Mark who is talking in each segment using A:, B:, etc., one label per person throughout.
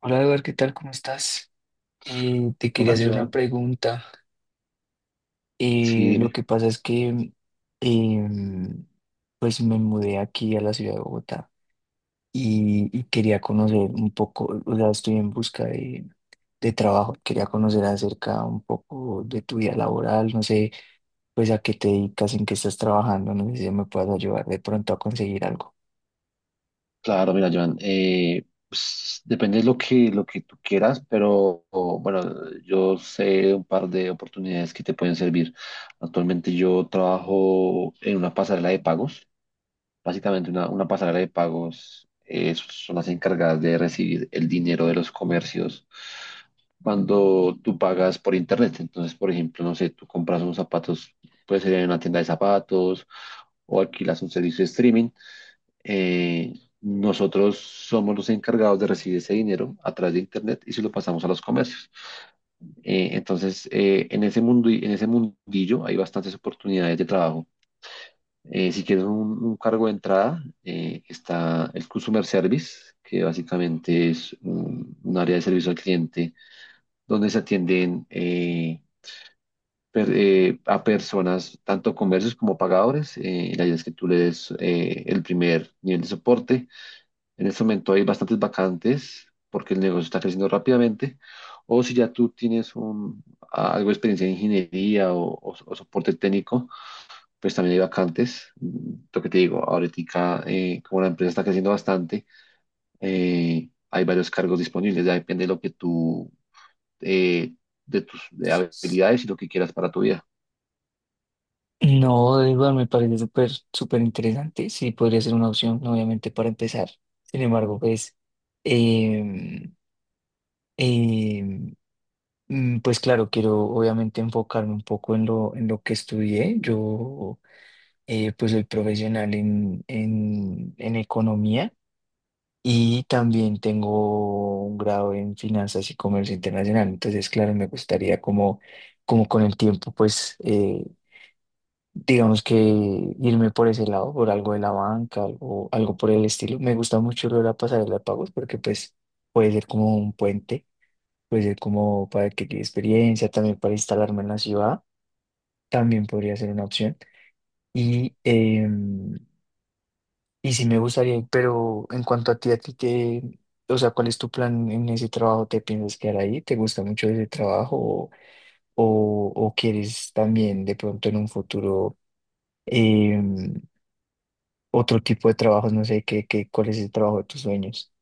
A: Hola Eduardo, ¿qué tal? ¿Cómo estás? Te quería
B: Hola,
A: hacer una
B: Joan.
A: pregunta.
B: Sí,
A: Lo
B: dime.
A: que pasa es que em, pues me mudé aquí a la ciudad de Bogotá y quería conocer un poco, o sea, estoy en busca de trabajo, quería conocer acerca un poco de tu vida laboral, no sé, pues a qué te dedicas, en qué estás trabajando, no sé si me puedas ayudar de pronto a conseguir algo.
B: Claro, mira, Joan. Pues, depende de lo que tú quieras, pero bueno, yo sé un par de oportunidades que te pueden servir. Actualmente yo trabajo en una pasarela de pagos. Básicamente una pasarela de pagos son las encargadas de recibir el dinero de los comercios cuando tú pagas por internet. Entonces, por ejemplo, no sé, tú compras unos zapatos, puede ser en una tienda de zapatos o alquilas un servicio de streaming. eh, nosotros somos los encargados de recibir ese dinero a través de Internet y se lo pasamos a los comercios. Entonces, en ese mundo, en ese mundillo hay bastantes oportunidades de trabajo. Si quieres un cargo de entrada, está el Customer Service, que básicamente es un área de servicio al cliente donde se atienden a personas, tanto comercios como pagadores. La idea es que tú le des el primer nivel de soporte. En este momento hay bastantes vacantes porque el negocio está creciendo rápidamente. O si ya tú tienes algo de experiencia en ingeniería o soporte técnico, pues también hay vacantes. Lo que te digo, ahorita, como la empresa está creciendo bastante, hay varios cargos disponibles. Ya depende de lo que tú, eh, de tus de habilidades y lo que quieras para tu vida.
A: No, de igual me parece súper, súper interesante. Sí, podría ser una opción, obviamente, para empezar. Sin embargo, pues, em, em, pues claro, quiero obviamente enfocarme un poco en en lo que estudié. Yo, pues, soy profesional en economía y también tengo un grado en finanzas y comercio internacional. Entonces, claro, me gustaría como, como con el tiempo, pues, digamos que irme por ese lado, por algo de la banca, algo, algo por el estilo. Me gusta mucho lo de la pasarela de pagos porque pues puede ser como un puente, puede ser como para adquirir experiencia, también para instalarme en la ciudad, también podría ser una opción. Y, em, y sí me gustaría, pero en cuanto a ti te, o sea, ¿cuál es tu plan en ese trabajo? ¿Te piensas quedar ahí? ¿Te gusta mucho ese trabajo o, o quieres también de pronto en un futuro? em, Otro tipo de trabajos, no sé qué, qué, cuál es el trabajo de tus sueños.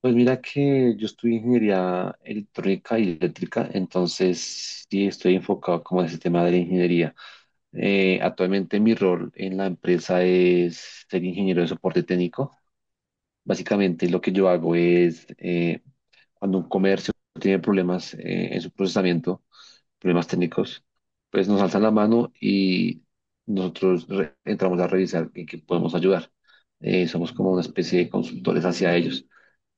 B: Pues mira que yo estudié ingeniería electrónica y eléctrica, entonces sí estoy enfocado como en ese tema de la ingeniería. Actualmente mi rol en la empresa es ser ingeniero de soporte técnico. Básicamente lo que yo hago es cuando un comercio tiene problemas en su procesamiento, problemas técnicos, pues nos alzan la mano y nosotros entramos a revisar en qué podemos ayudar. Somos como una especie de consultores hacia ellos.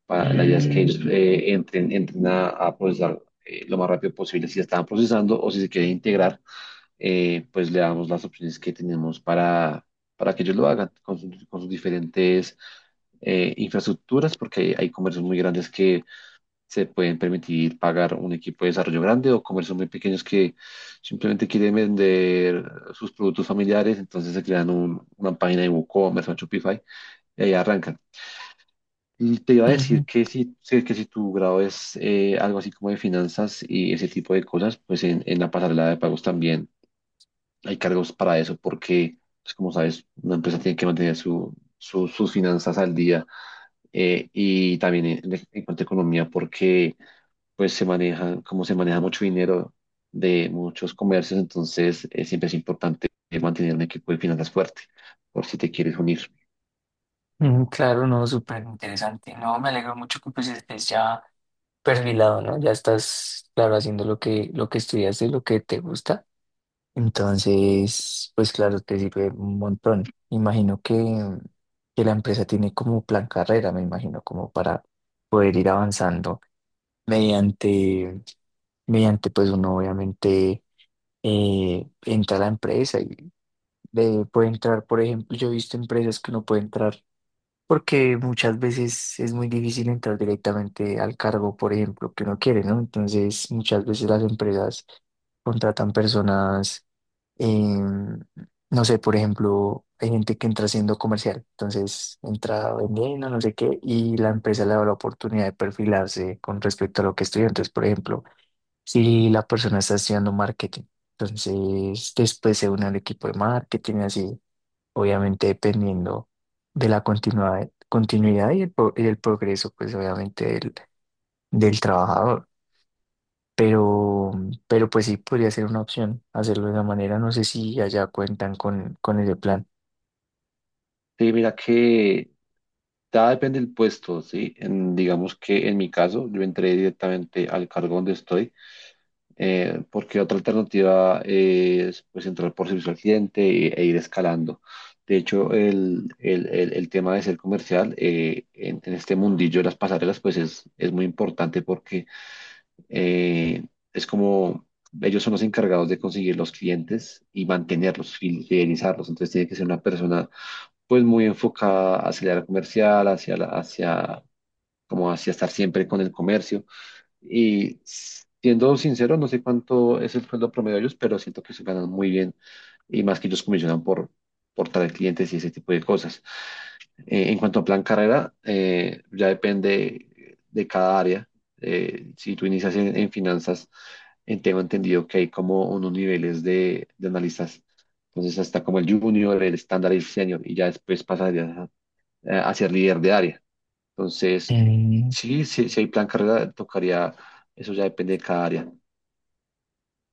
B: La idea es que
A: Mm,
B: ellos entren a procesar lo más rápido posible. Si están procesando o si se quieren integrar, pues le damos las opciones que tenemos para que ellos lo hagan con sus diferentes infraestructuras, porque hay comercios muy grandes que se pueden permitir pagar un equipo de desarrollo grande o comercios muy pequeños que simplemente quieren vender sus productos familiares, entonces se crean una página de WooCommerce o Shopify y ahí arrancan. Y te iba a decir
A: ujú,
B: que que si tu grado es algo así como de finanzas y ese tipo de cosas, pues en la pasarela de pagos también hay cargos para eso porque, pues, como sabes, una empresa tiene que mantener sus finanzas al día, y también en cuanto a economía porque pues como se maneja mucho dinero de muchos comercios, entonces siempre es importante mantener un equipo de finanzas fuerte por si te quieres unir.
A: ujú, claro, no, súper interesante. No, me alegro mucho que pues estés ya perfilado, ¿no? Ya estás, claro, haciendo lo que estudiaste, lo que te gusta. Entonces, pues claro, te sirve un montón. Imagino que la empresa tiene como plan carrera, me imagino, como para poder ir avanzando mediante, mediante pues uno obviamente entra a la empresa de, puede entrar, por ejemplo, yo he visto empresas que no pueden entrar porque muchas veces es muy difícil entrar directamente al cargo, por ejemplo, que uno quiere, ¿no? Entonces, muchas veces las empresas contratan personas, em, no sé, por ejemplo, hay gente que entra siendo comercial, entonces entra vendiendo, no sé qué, y la empresa le da la oportunidad de perfilarse con respecto a lo que estudia. Entonces, por ejemplo, si la persona está estudiando marketing, entonces después se une al equipo de marketing, y así obviamente dependiendo de la continuidad, continuidad y el, pro- y el progreso, pues obviamente del, del trabajador. Pero, pero pues sí podría ser una opción hacerlo de esa manera. No sé si allá cuentan con ese plan.
B: Sí, mira que ya depende del puesto, ¿sí? Digamos que en mi caso yo entré directamente al cargo donde estoy, porque otra alternativa es, pues, entrar por servicio al cliente e ir escalando. De hecho, el tema de ser comercial, en este mundillo de las pasarelas, pues es muy importante porque eh, es como ellos son los encargados de conseguir los clientes y mantenerlos, fidelizarlos. Entonces tiene que ser una persona pues muy enfocada hacia la comercial, hacia la, hacia como hacia estar siempre con el comercio. Y siendo sincero, no sé cuánto es el sueldo promedio de ellos, pero siento que se ganan muy bien, y más que ellos comisionan por traer clientes y ese tipo de cosas. En cuanto a plan carrera, ya depende de cada área. Si tú inicias en finanzas, tengo entendido que hay como unos niveles de analistas. Entonces, hasta como el junior, el estándar y el senior, y ya después pasarías a ser líder de área. Entonces,
A: Mm,
B: sí, sí, si hay plan carrera, tocaría, eso ya depende de cada área.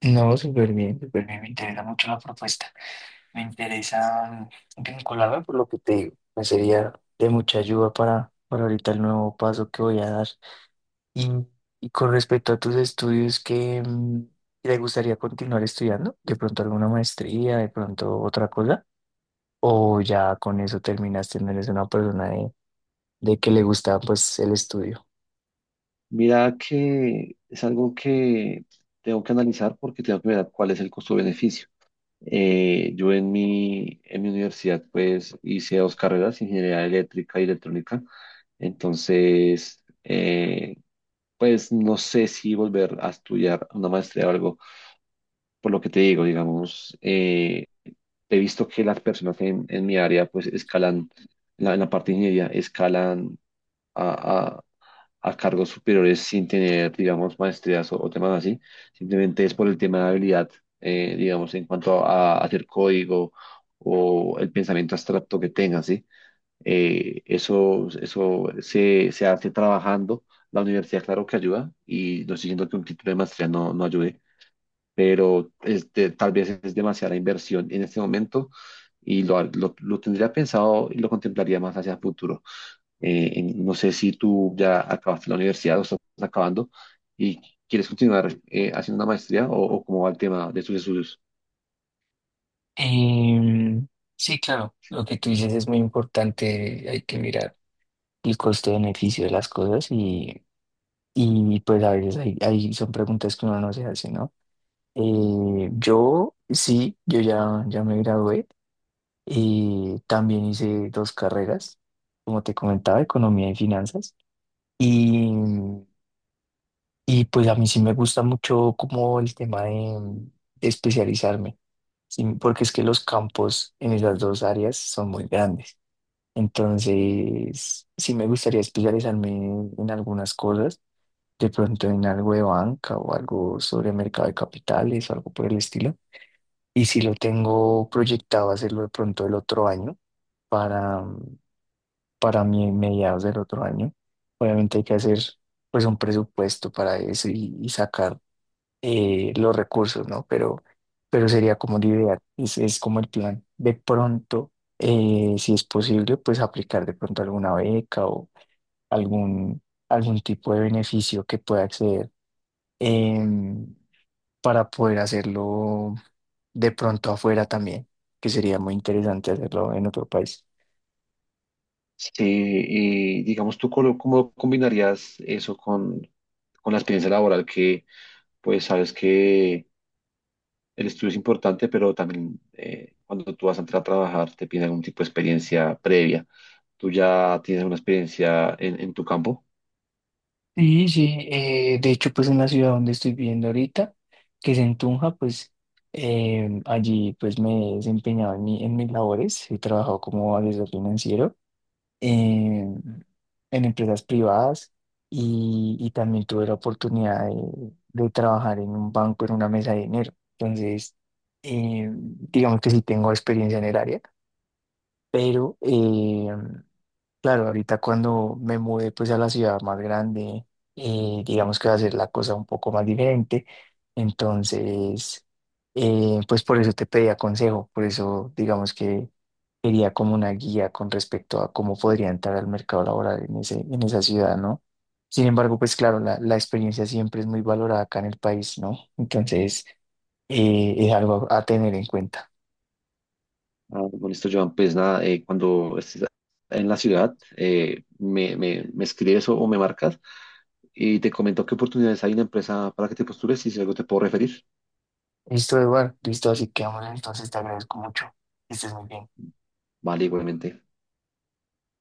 A: no, súper bien, súper bien. Me interesa mucho la propuesta. Me interesa vincularme por lo que te digo. Me sería de mucha ayuda para ahorita el nuevo paso que voy a dar. Y, y con respecto a tus estudios, ¿qué te gustaría continuar estudiando? ¿De pronto alguna maestría, de pronto otra cosa? ¿O ya con eso terminaste, no eres una persona de que le gusta pues el estudio?
B: Mira que es algo que tengo que analizar porque tengo que ver cuál es el costo-beneficio. Yo en mi universidad pues hice dos carreras, ingeniería eléctrica y electrónica. Entonces, pues no sé si volver a estudiar una maestría o algo, por lo que te digo, digamos, he visto que las personas en mi área, pues escalan, en la parte de ingeniería, escalan a, a- a cargos superiores sin tener, digamos, maestrías o temas así. Simplemente es por el tema de habilidad, digamos, en cuanto a hacer código o el pensamiento abstracto que tengan, ¿sí? Eso se hace trabajando. La universidad, claro que ayuda, y no estoy diciendo que un título de maestría no, no ayude, pero tal vez es demasiada inversión en este momento y lo tendría pensado y lo contemplaría más hacia el futuro. No sé si tú ya acabaste la universidad o estás acabando y quieres continuar haciendo una maestría o cómo va el tema de tus estudios.
A: Em, sí, claro, lo que tú dices es muy importante, hay que mirar el costo-beneficio de las cosas y pues a veces hay, hay- son preguntas que uno no se hace, ¿no? Yo sí, yo ya, ya me gradué. Y también hice dos carreras, como te comentaba, economía y finanzas. Y, y pues a mí sí me gusta mucho como el tema de especializarme, sí, porque es que los campos en esas dos áreas son muy grandes. Entonces, sí me gustaría especializarme en algunas cosas, de pronto en algo de banca o algo sobre mercado de capitales o algo por el estilo. Y si lo tengo proyectado hacerlo de pronto el otro año para, para mi mediados del otro año. Obviamente hay que hacer pues un presupuesto para eso y sacar los recursos, ¿no? Pero sería como la idea, es como el plan. De pronto, si es posible, pues aplicar de pronto alguna beca o algún, algún tipo de beneficio que pueda acceder em, para poder hacerlo de pronto afuera también, que sería muy interesante hacerlo en otro país.
B: Sí, y digamos, ¿tú cómo combinarías eso con la experiencia laboral pues, sabes que el estudio es importante, pero también cuando tú vas a entrar a trabajar te piden algún tipo de experiencia previa? ¿Tú ya tienes una experiencia en tu campo?
A: Sí, sí, de hecho, pues en la ciudad donde estoy viviendo ahorita, que es en Tunja, pues allí pues me he desempeñado en, mi- en mis labores, he trabajado como asesor financiero em, en empresas privadas y también tuve la oportunidad de trabajar en un banco en una mesa de dinero. Entonces, digamos que sí tengo experiencia en el área, pero claro, ahorita cuando me mudé pues a la ciudad más grande, digamos que va a ser la cosa un poco más diferente. Entonces, pues por eso te pedía consejo, por eso digamos que quería como una guía con respecto a cómo podría entrar al mercado laboral en ese, en esa ciudad, ¿no? Sin embargo, pues claro, la experiencia siempre es muy valorada acá en el país, ¿no? Entonces, es algo a tener en cuenta.
B: Ah, con esto, Joan, pues nada, cuando estés en la ciudad, me escribes o me marcas y te comento qué oportunidades hay en la empresa para que te postules y si algo te puedo referir.
A: Listo, Eduardo, listo, así que vamos, entonces te agradezco mucho. Que estés muy bien.
B: Vale, igualmente.